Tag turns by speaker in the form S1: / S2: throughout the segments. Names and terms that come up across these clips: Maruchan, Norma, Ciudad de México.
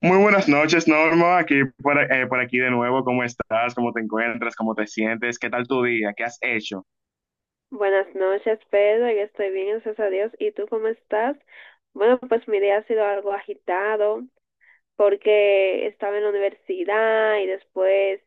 S1: Muy buenas noches, Norma. Aquí por aquí de nuevo. ¿Cómo estás? ¿Cómo te encuentras? ¿Cómo te sientes? ¿Qué tal tu día? ¿Qué has hecho?
S2: Buenas noches, Pedro. Yo estoy bien, gracias a Dios. ¿Y tú cómo estás? Bueno, pues mi día ha sido algo agitado porque estaba en la universidad y después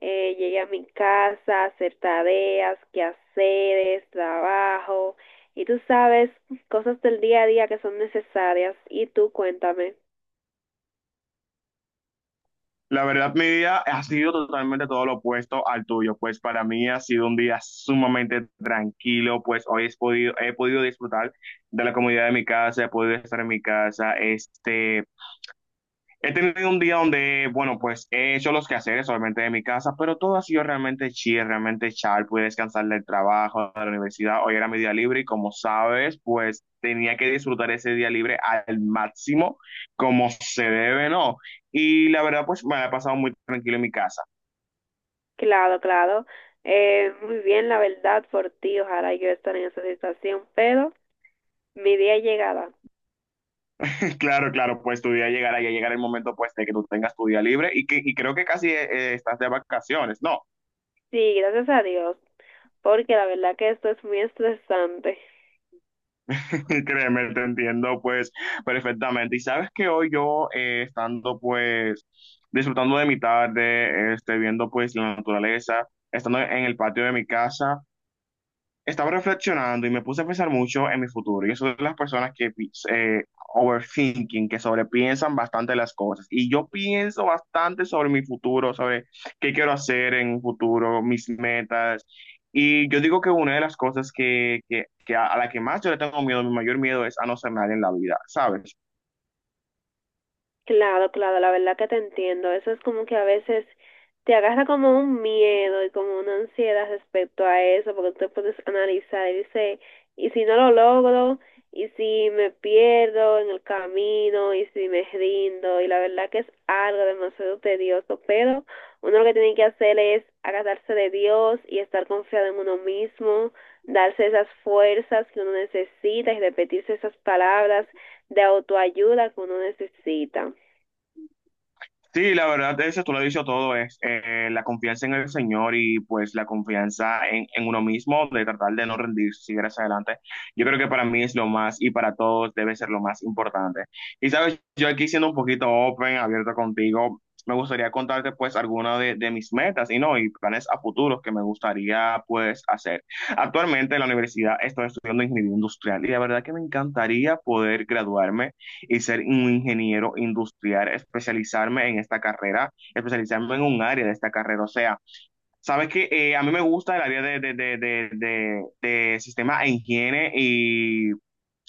S2: llegué a mi casa a hacer tareas, quehaceres, trabajo y tú sabes, cosas del día a día que son necesarias. Y tú cuéntame.
S1: La verdad, mi día ha sido totalmente todo lo opuesto al tuyo. Pues para mí ha sido un día sumamente tranquilo. Pues hoy he podido disfrutar de la comodidad de mi casa, he podido estar en mi casa. He tenido un día donde, bueno, pues he hecho los quehaceres obviamente de mi casa, pero todo ha sido realmente chill, realmente chal. Pude descansar del trabajo, de la universidad. Hoy era mi día libre y, como sabes, pues tenía que disfrutar ese día libre al máximo, como se debe, ¿no? Y la verdad, pues me la he pasado muy tranquilo en mi casa.
S2: Claro, claro. Muy bien, la verdad, por ti. Ojalá yo estar en esa situación, pero mi día llegará.
S1: Claro, claro, pues tu día llegará, ya llegará el momento, pues, de que tú tengas tu día libre y creo que casi estás de vacaciones, ¿no?
S2: Sí, gracias a Dios, porque la verdad que esto es muy estresante.
S1: Créeme, te entiendo pues perfectamente. Y sabes que hoy yo, estando pues disfrutando de mi tarde, viendo pues la naturaleza, estando en el patio de mi casa, estaba reflexionando y me puse a pensar mucho en mi futuro. Y eso de las personas que overthinking, que sobrepiensan bastante las cosas. Y yo pienso bastante sobre mi futuro, sobre qué quiero hacer en un futuro, mis metas. Y yo digo que una de las cosas que a la que más yo le tengo miedo, mi mayor miedo es a no ser nadie en la vida, ¿sabes?
S2: Claro, claro, la verdad que te entiendo. Eso es como que a veces te agarra como un miedo y como una ansiedad respecto a eso, porque tú te puedes analizar y dices, ¿y si no lo logro? ¿Y si me pierdo en el camino? ¿Y si me rindo? Y la verdad que es algo demasiado tedioso, pero uno lo que tiene que hacer es agarrarse de Dios y estar confiado en uno mismo, darse esas fuerzas que uno necesita y repetirse esas palabras de autoayuda que uno necesita.
S1: Sí, la verdad, eso tú lo has dicho todo, es la confianza en el Señor y pues la confianza en uno mismo, de tratar de no rendirse, seguir hacia adelante. Yo creo que para mí es lo más y para todos debe ser lo más importante. Y sabes, yo aquí siendo un poquito open, abierto contigo, me gustaría contarte pues algunas de mis metas y no, y planes a futuros que me gustaría pues hacer. Actualmente en la universidad estoy estudiando ingeniería industrial y la verdad que me encantaría poder graduarme y ser un ingeniero industrial, especializarme en esta carrera, especializarme en un área de esta carrera. O sea, sabes que, a mí me gusta el área de sistema e higiene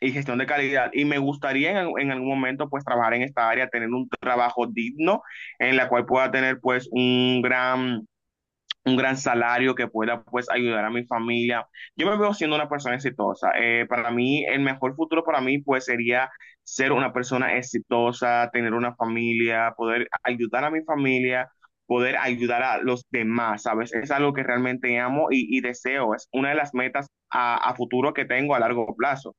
S1: y gestión de calidad. Y me gustaría en algún momento pues trabajar en esta área, tener un trabajo digno en la cual pueda tener pues un gran salario que pueda pues ayudar a mi familia. Yo me veo siendo una persona exitosa. Para mí, el mejor futuro para mí pues sería ser una persona exitosa, tener una familia, poder ayudar a mi familia, poder ayudar a los demás, ¿sabes? Es algo que realmente amo y deseo. Es una de las metas a futuro que tengo a largo plazo.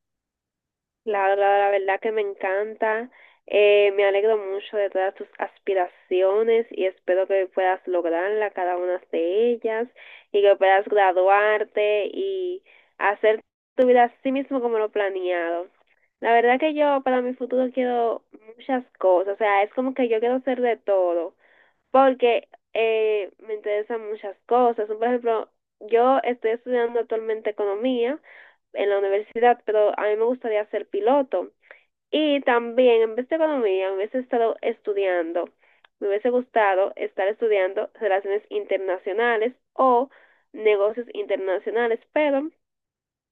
S2: Claro, la verdad que me encanta. Me alegro mucho de todas tus aspiraciones y espero que puedas lograrla cada una de ellas y que puedas graduarte y hacer tu vida así mismo como lo planeado. La verdad que yo para mi futuro quiero muchas cosas. O sea, es como que yo quiero ser de todo porque me interesan muchas cosas. Por ejemplo, yo estoy estudiando actualmente economía en la universidad, pero a mí me gustaría ser piloto. Y también, en vez de economía, me hubiese estado estudiando, me hubiese gustado estar estudiando relaciones internacionales o negocios internacionales, pero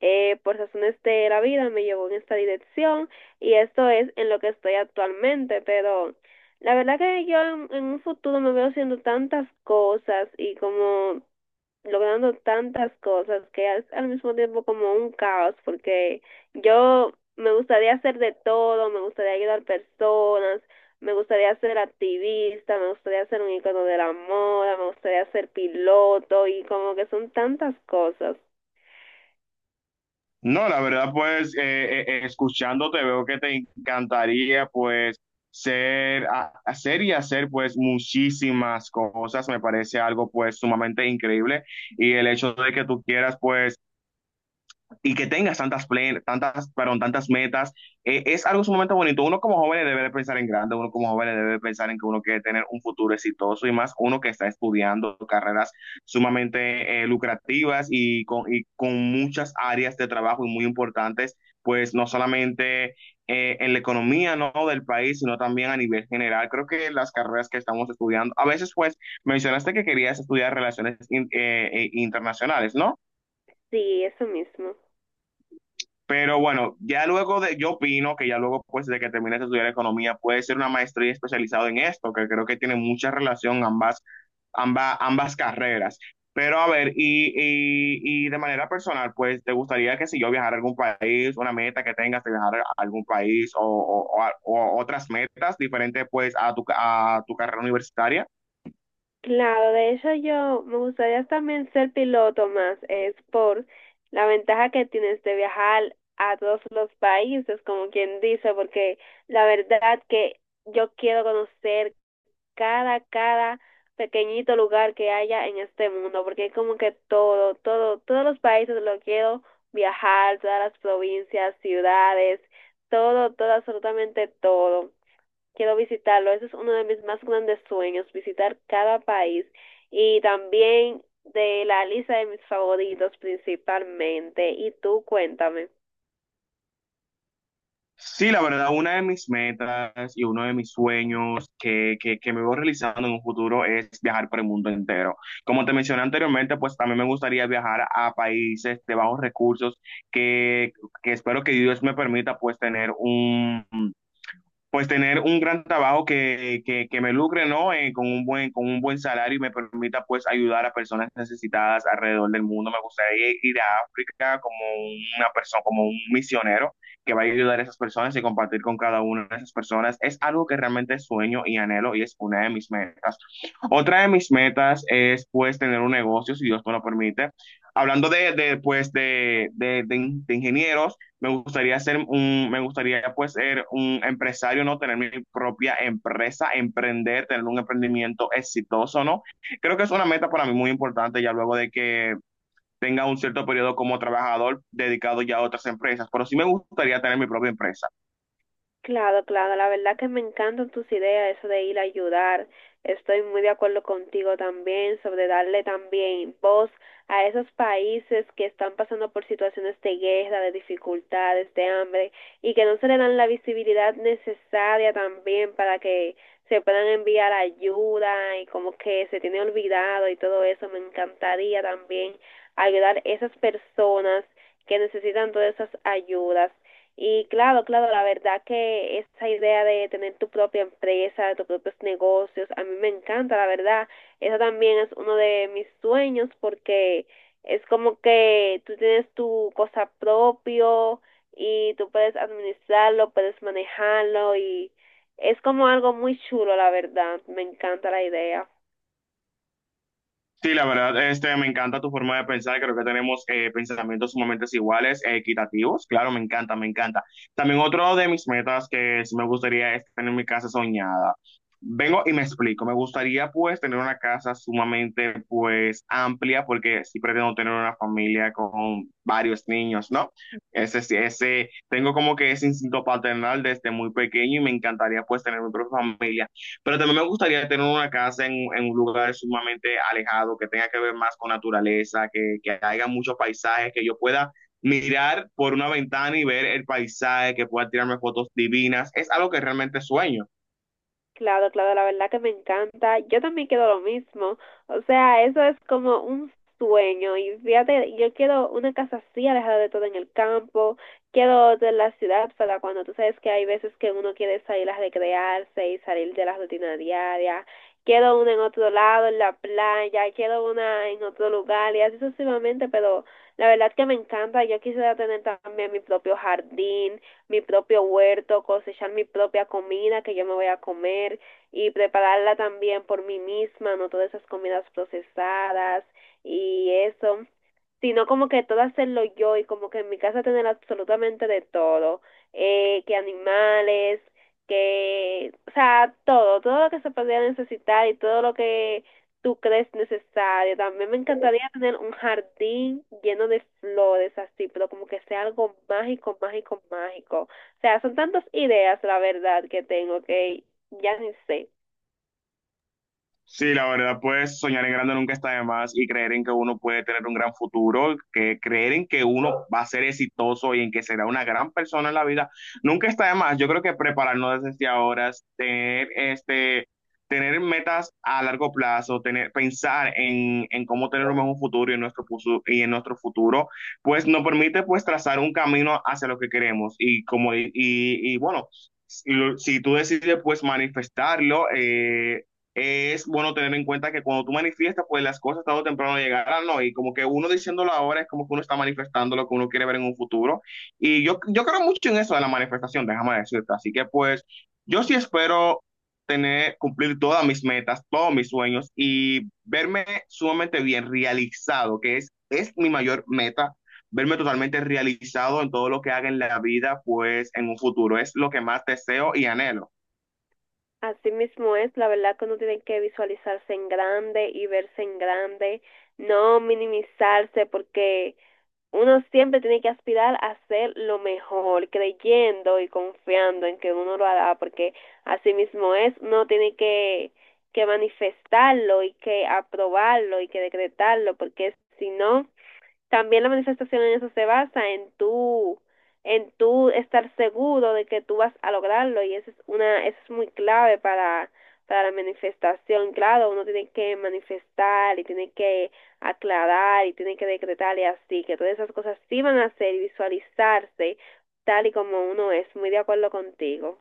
S2: por razones de la vida me llevó en esta dirección y esto es en lo que estoy actualmente, pero la verdad que yo en un futuro me veo haciendo tantas cosas y como logrando tantas cosas que es al mismo tiempo como un caos, porque yo me gustaría hacer de todo, me gustaría ayudar personas, me gustaría ser activista, me gustaría ser un icono de la moda, me gustaría ser piloto y como que son tantas cosas.
S1: No, la verdad, pues escuchándote veo que te encantaría pues hacer y hacer pues muchísimas cosas. Me parece algo pues sumamente increíble y el hecho de que tú quieras pues y que tengas tantas, tantas, perdón, tantas metas, es algo sumamente bonito. Uno como joven debe de pensar en grande, uno como joven debe de pensar en que uno quiere tener un futuro exitoso y más uno que está estudiando carreras sumamente lucrativas y con muchas áreas de trabajo y muy importantes, pues no solamente en la economía, ¿no?, del país, sino también a nivel general. Creo que las carreras que estamos estudiando, a veces pues mencionaste que querías estudiar relaciones internacionales, ¿no?
S2: Sí, eso mismo.
S1: Pero bueno, ya luego de, yo opino que ya luego pues de que termines de estudiar economía puede ser una maestría especializada en esto, que creo que tiene mucha relación ambas, ambas carreras. Pero a ver, y de manera personal, pues te gustaría que si yo viajara a algún país, una meta que tengas de viajar a algún país o, o otras metas diferentes pues a tu, a tu carrera universitaria.
S2: Claro, de hecho yo me gustaría también ser piloto más, es por la ventaja que tienes de viajar a todos los países, como quien dice, porque la verdad que yo quiero conocer cada, cada pequeñito lugar que haya en este mundo, porque es como que todo, todo, todos los países lo quiero viajar, todas las provincias, ciudades, todo, todo, absolutamente todo. Quiero visitarlo. Ese es uno de mis más grandes sueños, visitar cada país y también de la lista de mis favoritos principalmente. Y tú cuéntame.
S1: Sí, la verdad, una de mis metas y uno de mis sueños que me voy realizando en un futuro es viajar por el mundo entero. Como te mencioné anteriormente, pues también me gustaría viajar a países de bajos recursos que, que espero que Dios me permita pues tener un gran trabajo que me lucre, ¿no? Con un buen, con un buen salario y me permita pues ayudar a personas necesitadas alrededor del mundo. Me gustaría ir, ir a África como una persona, como un misionero que va a ayudar a esas personas y compartir con cada una de esas personas. Es algo que realmente sueño y anhelo y es una de mis metas. Otra de mis metas es pues tener un negocio, si Dios me lo permite. Hablando de pues de ingenieros, me gustaría ser un, me gustaría pues ser un empresario, ¿no? Tener mi propia empresa, emprender, tener un emprendimiento exitoso, ¿no? Creo que es una meta para mí muy importante ya luego de que tenga un cierto periodo como trabajador dedicado ya a otras empresas, pero sí me gustaría tener mi propia empresa.
S2: Claro, claro, la verdad que me encantan tus ideas, eso de ir a ayudar. Estoy muy de acuerdo contigo también sobre darle también voz a esos países que están pasando por situaciones de guerra, de dificultades, de hambre y que no se le dan la visibilidad necesaria también para que se puedan enviar ayuda y como que se tiene olvidado y todo eso. Me encantaría también ayudar a esas personas que necesitan todas esas ayudas. Y claro, claro, la verdad que esa idea de tener tu propia empresa, tus propios negocios, a mí me encanta, la verdad. Eso también es uno de mis sueños porque es como que tú tienes tu cosa propio y tú puedes administrarlo, puedes manejarlo y es como algo muy chulo, la verdad. Me encanta la idea.
S1: Sí, la verdad, me encanta tu forma de pensar. Creo que tenemos, pensamientos sumamente iguales, e equitativos. Claro, me encanta, me encanta. También otro de mis metas que sí me gustaría es tener mi casa soñada. Vengo y me explico. Me gustaría pues tener una casa sumamente pues amplia porque sí pretendo tener una familia con varios niños, ¿no? Ese, sí, ese, tengo como que ese instinto paternal desde muy pequeño y me encantaría pues tener mi propia familia. Pero también me gustaría tener una casa en un lugar sumamente alejado, que tenga que ver más con naturaleza, que haya muchos paisajes, que yo pueda mirar por una ventana y ver el paisaje, que pueda tirarme fotos divinas. Es algo que realmente sueño.
S2: Claro, claro, la verdad que me encanta. Yo también quiero lo mismo. O sea, eso es como un sueño. Y fíjate, yo quiero una casa así, alejada de todo en el campo. Quiero de la ciudad para cuando tú sabes que hay veces que uno quiere salir a recrearse y salir de la rutina diaria. Quiero una en otro lado, en la playa. Quiero una en otro lugar y así sucesivamente. Pero la verdad que me encanta. Yo quisiera tener también mi propio jardín, mi propio huerto, cosechar mi propia comida que yo me voy a comer y prepararla también por mí misma, no todas esas comidas procesadas y eso, sino como que todo hacerlo yo y como que en mi casa tener absolutamente de todo, que animales, que, o sea, todo, todo lo que se podría necesitar y todo lo que tú crees necesario. También me encantaría tener un jardín lleno de flores así, pero como que sea algo mágico, mágico, mágico. O sea, son tantas ideas, la verdad, que tengo que ya ni sé.
S1: Sí, la verdad, pues soñar en grande nunca está de más y creer en que uno puede tener un gran futuro, que creer en que uno va a ser exitoso y en que será una gran persona en la vida, nunca está de más. Yo creo que prepararnos desde ahora, tener tener metas a largo plazo, tener, pensar en cómo tener un mejor futuro y en nuestro y en nuestro futuro, pues nos permite pues trazar un camino hacia lo que queremos y como bueno, si tú decides pues manifestarlo, es bueno tener en cuenta que cuando tú manifiestas, pues las cosas tarde o temprano llegarán, ¿no? Y como que uno diciéndolo ahora es como que uno está manifestando lo que uno quiere ver en un futuro. Y yo creo mucho en eso de la manifestación, déjame decirte. Así que pues yo sí espero tener, cumplir todas mis metas, todos mis sueños y verme sumamente bien realizado, es mi mayor meta, verme totalmente realizado en todo lo que haga en la vida, pues en un futuro. Es lo que más deseo y anhelo.
S2: Así mismo es, la verdad que uno tiene que visualizarse en grande y verse en grande, no minimizarse porque uno siempre tiene que aspirar a hacer lo mejor, creyendo y confiando en que uno lo hará, porque así mismo es, uno tiene que manifestarlo y que aprobarlo y que decretarlo, porque si no, también la manifestación en eso se basa en tú estar seguro de que tú vas a lograrlo y eso es una, eso es muy clave para la manifestación. Claro, uno tiene que manifestar y tiene que aclarar y tiene que decretar y así, que todas esas cosas sí van a ser y visualizarse tal y como uno es. Muy de acuerdo contigo.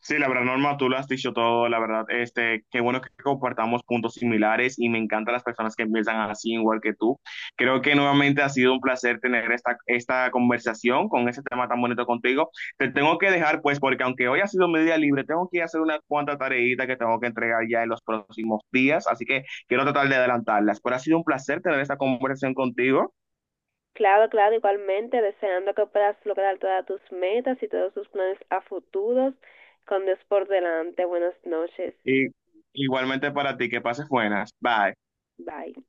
S1: Sí, la verdad, Norma, tú lo has dicho todo, la verdad, qué bueno que compartamos puntos similares y me encantan las personas que piensan así igual que tú. Creo que nuevamente ha sido un placer tener esta conversación con ese tema tan bonito contigo. Te tengo que dejar, pues, porque aunque hoy ha sido mi día libre, tengo que ir a hacer una cuanta tareita que tengo que entregar ya en los próximos días, así que quiero tratar de adelantarlas. Pero ha sido un placer tener esta conversación contigo
S2: Claro, claro, igualmente, deseando que puedas lograr todas tus metas y todos tus planes a futuros con Dios por delante. Buenas noches.
S1: y igualmente para ti, que pases buenas. Bye.
S2: Bye.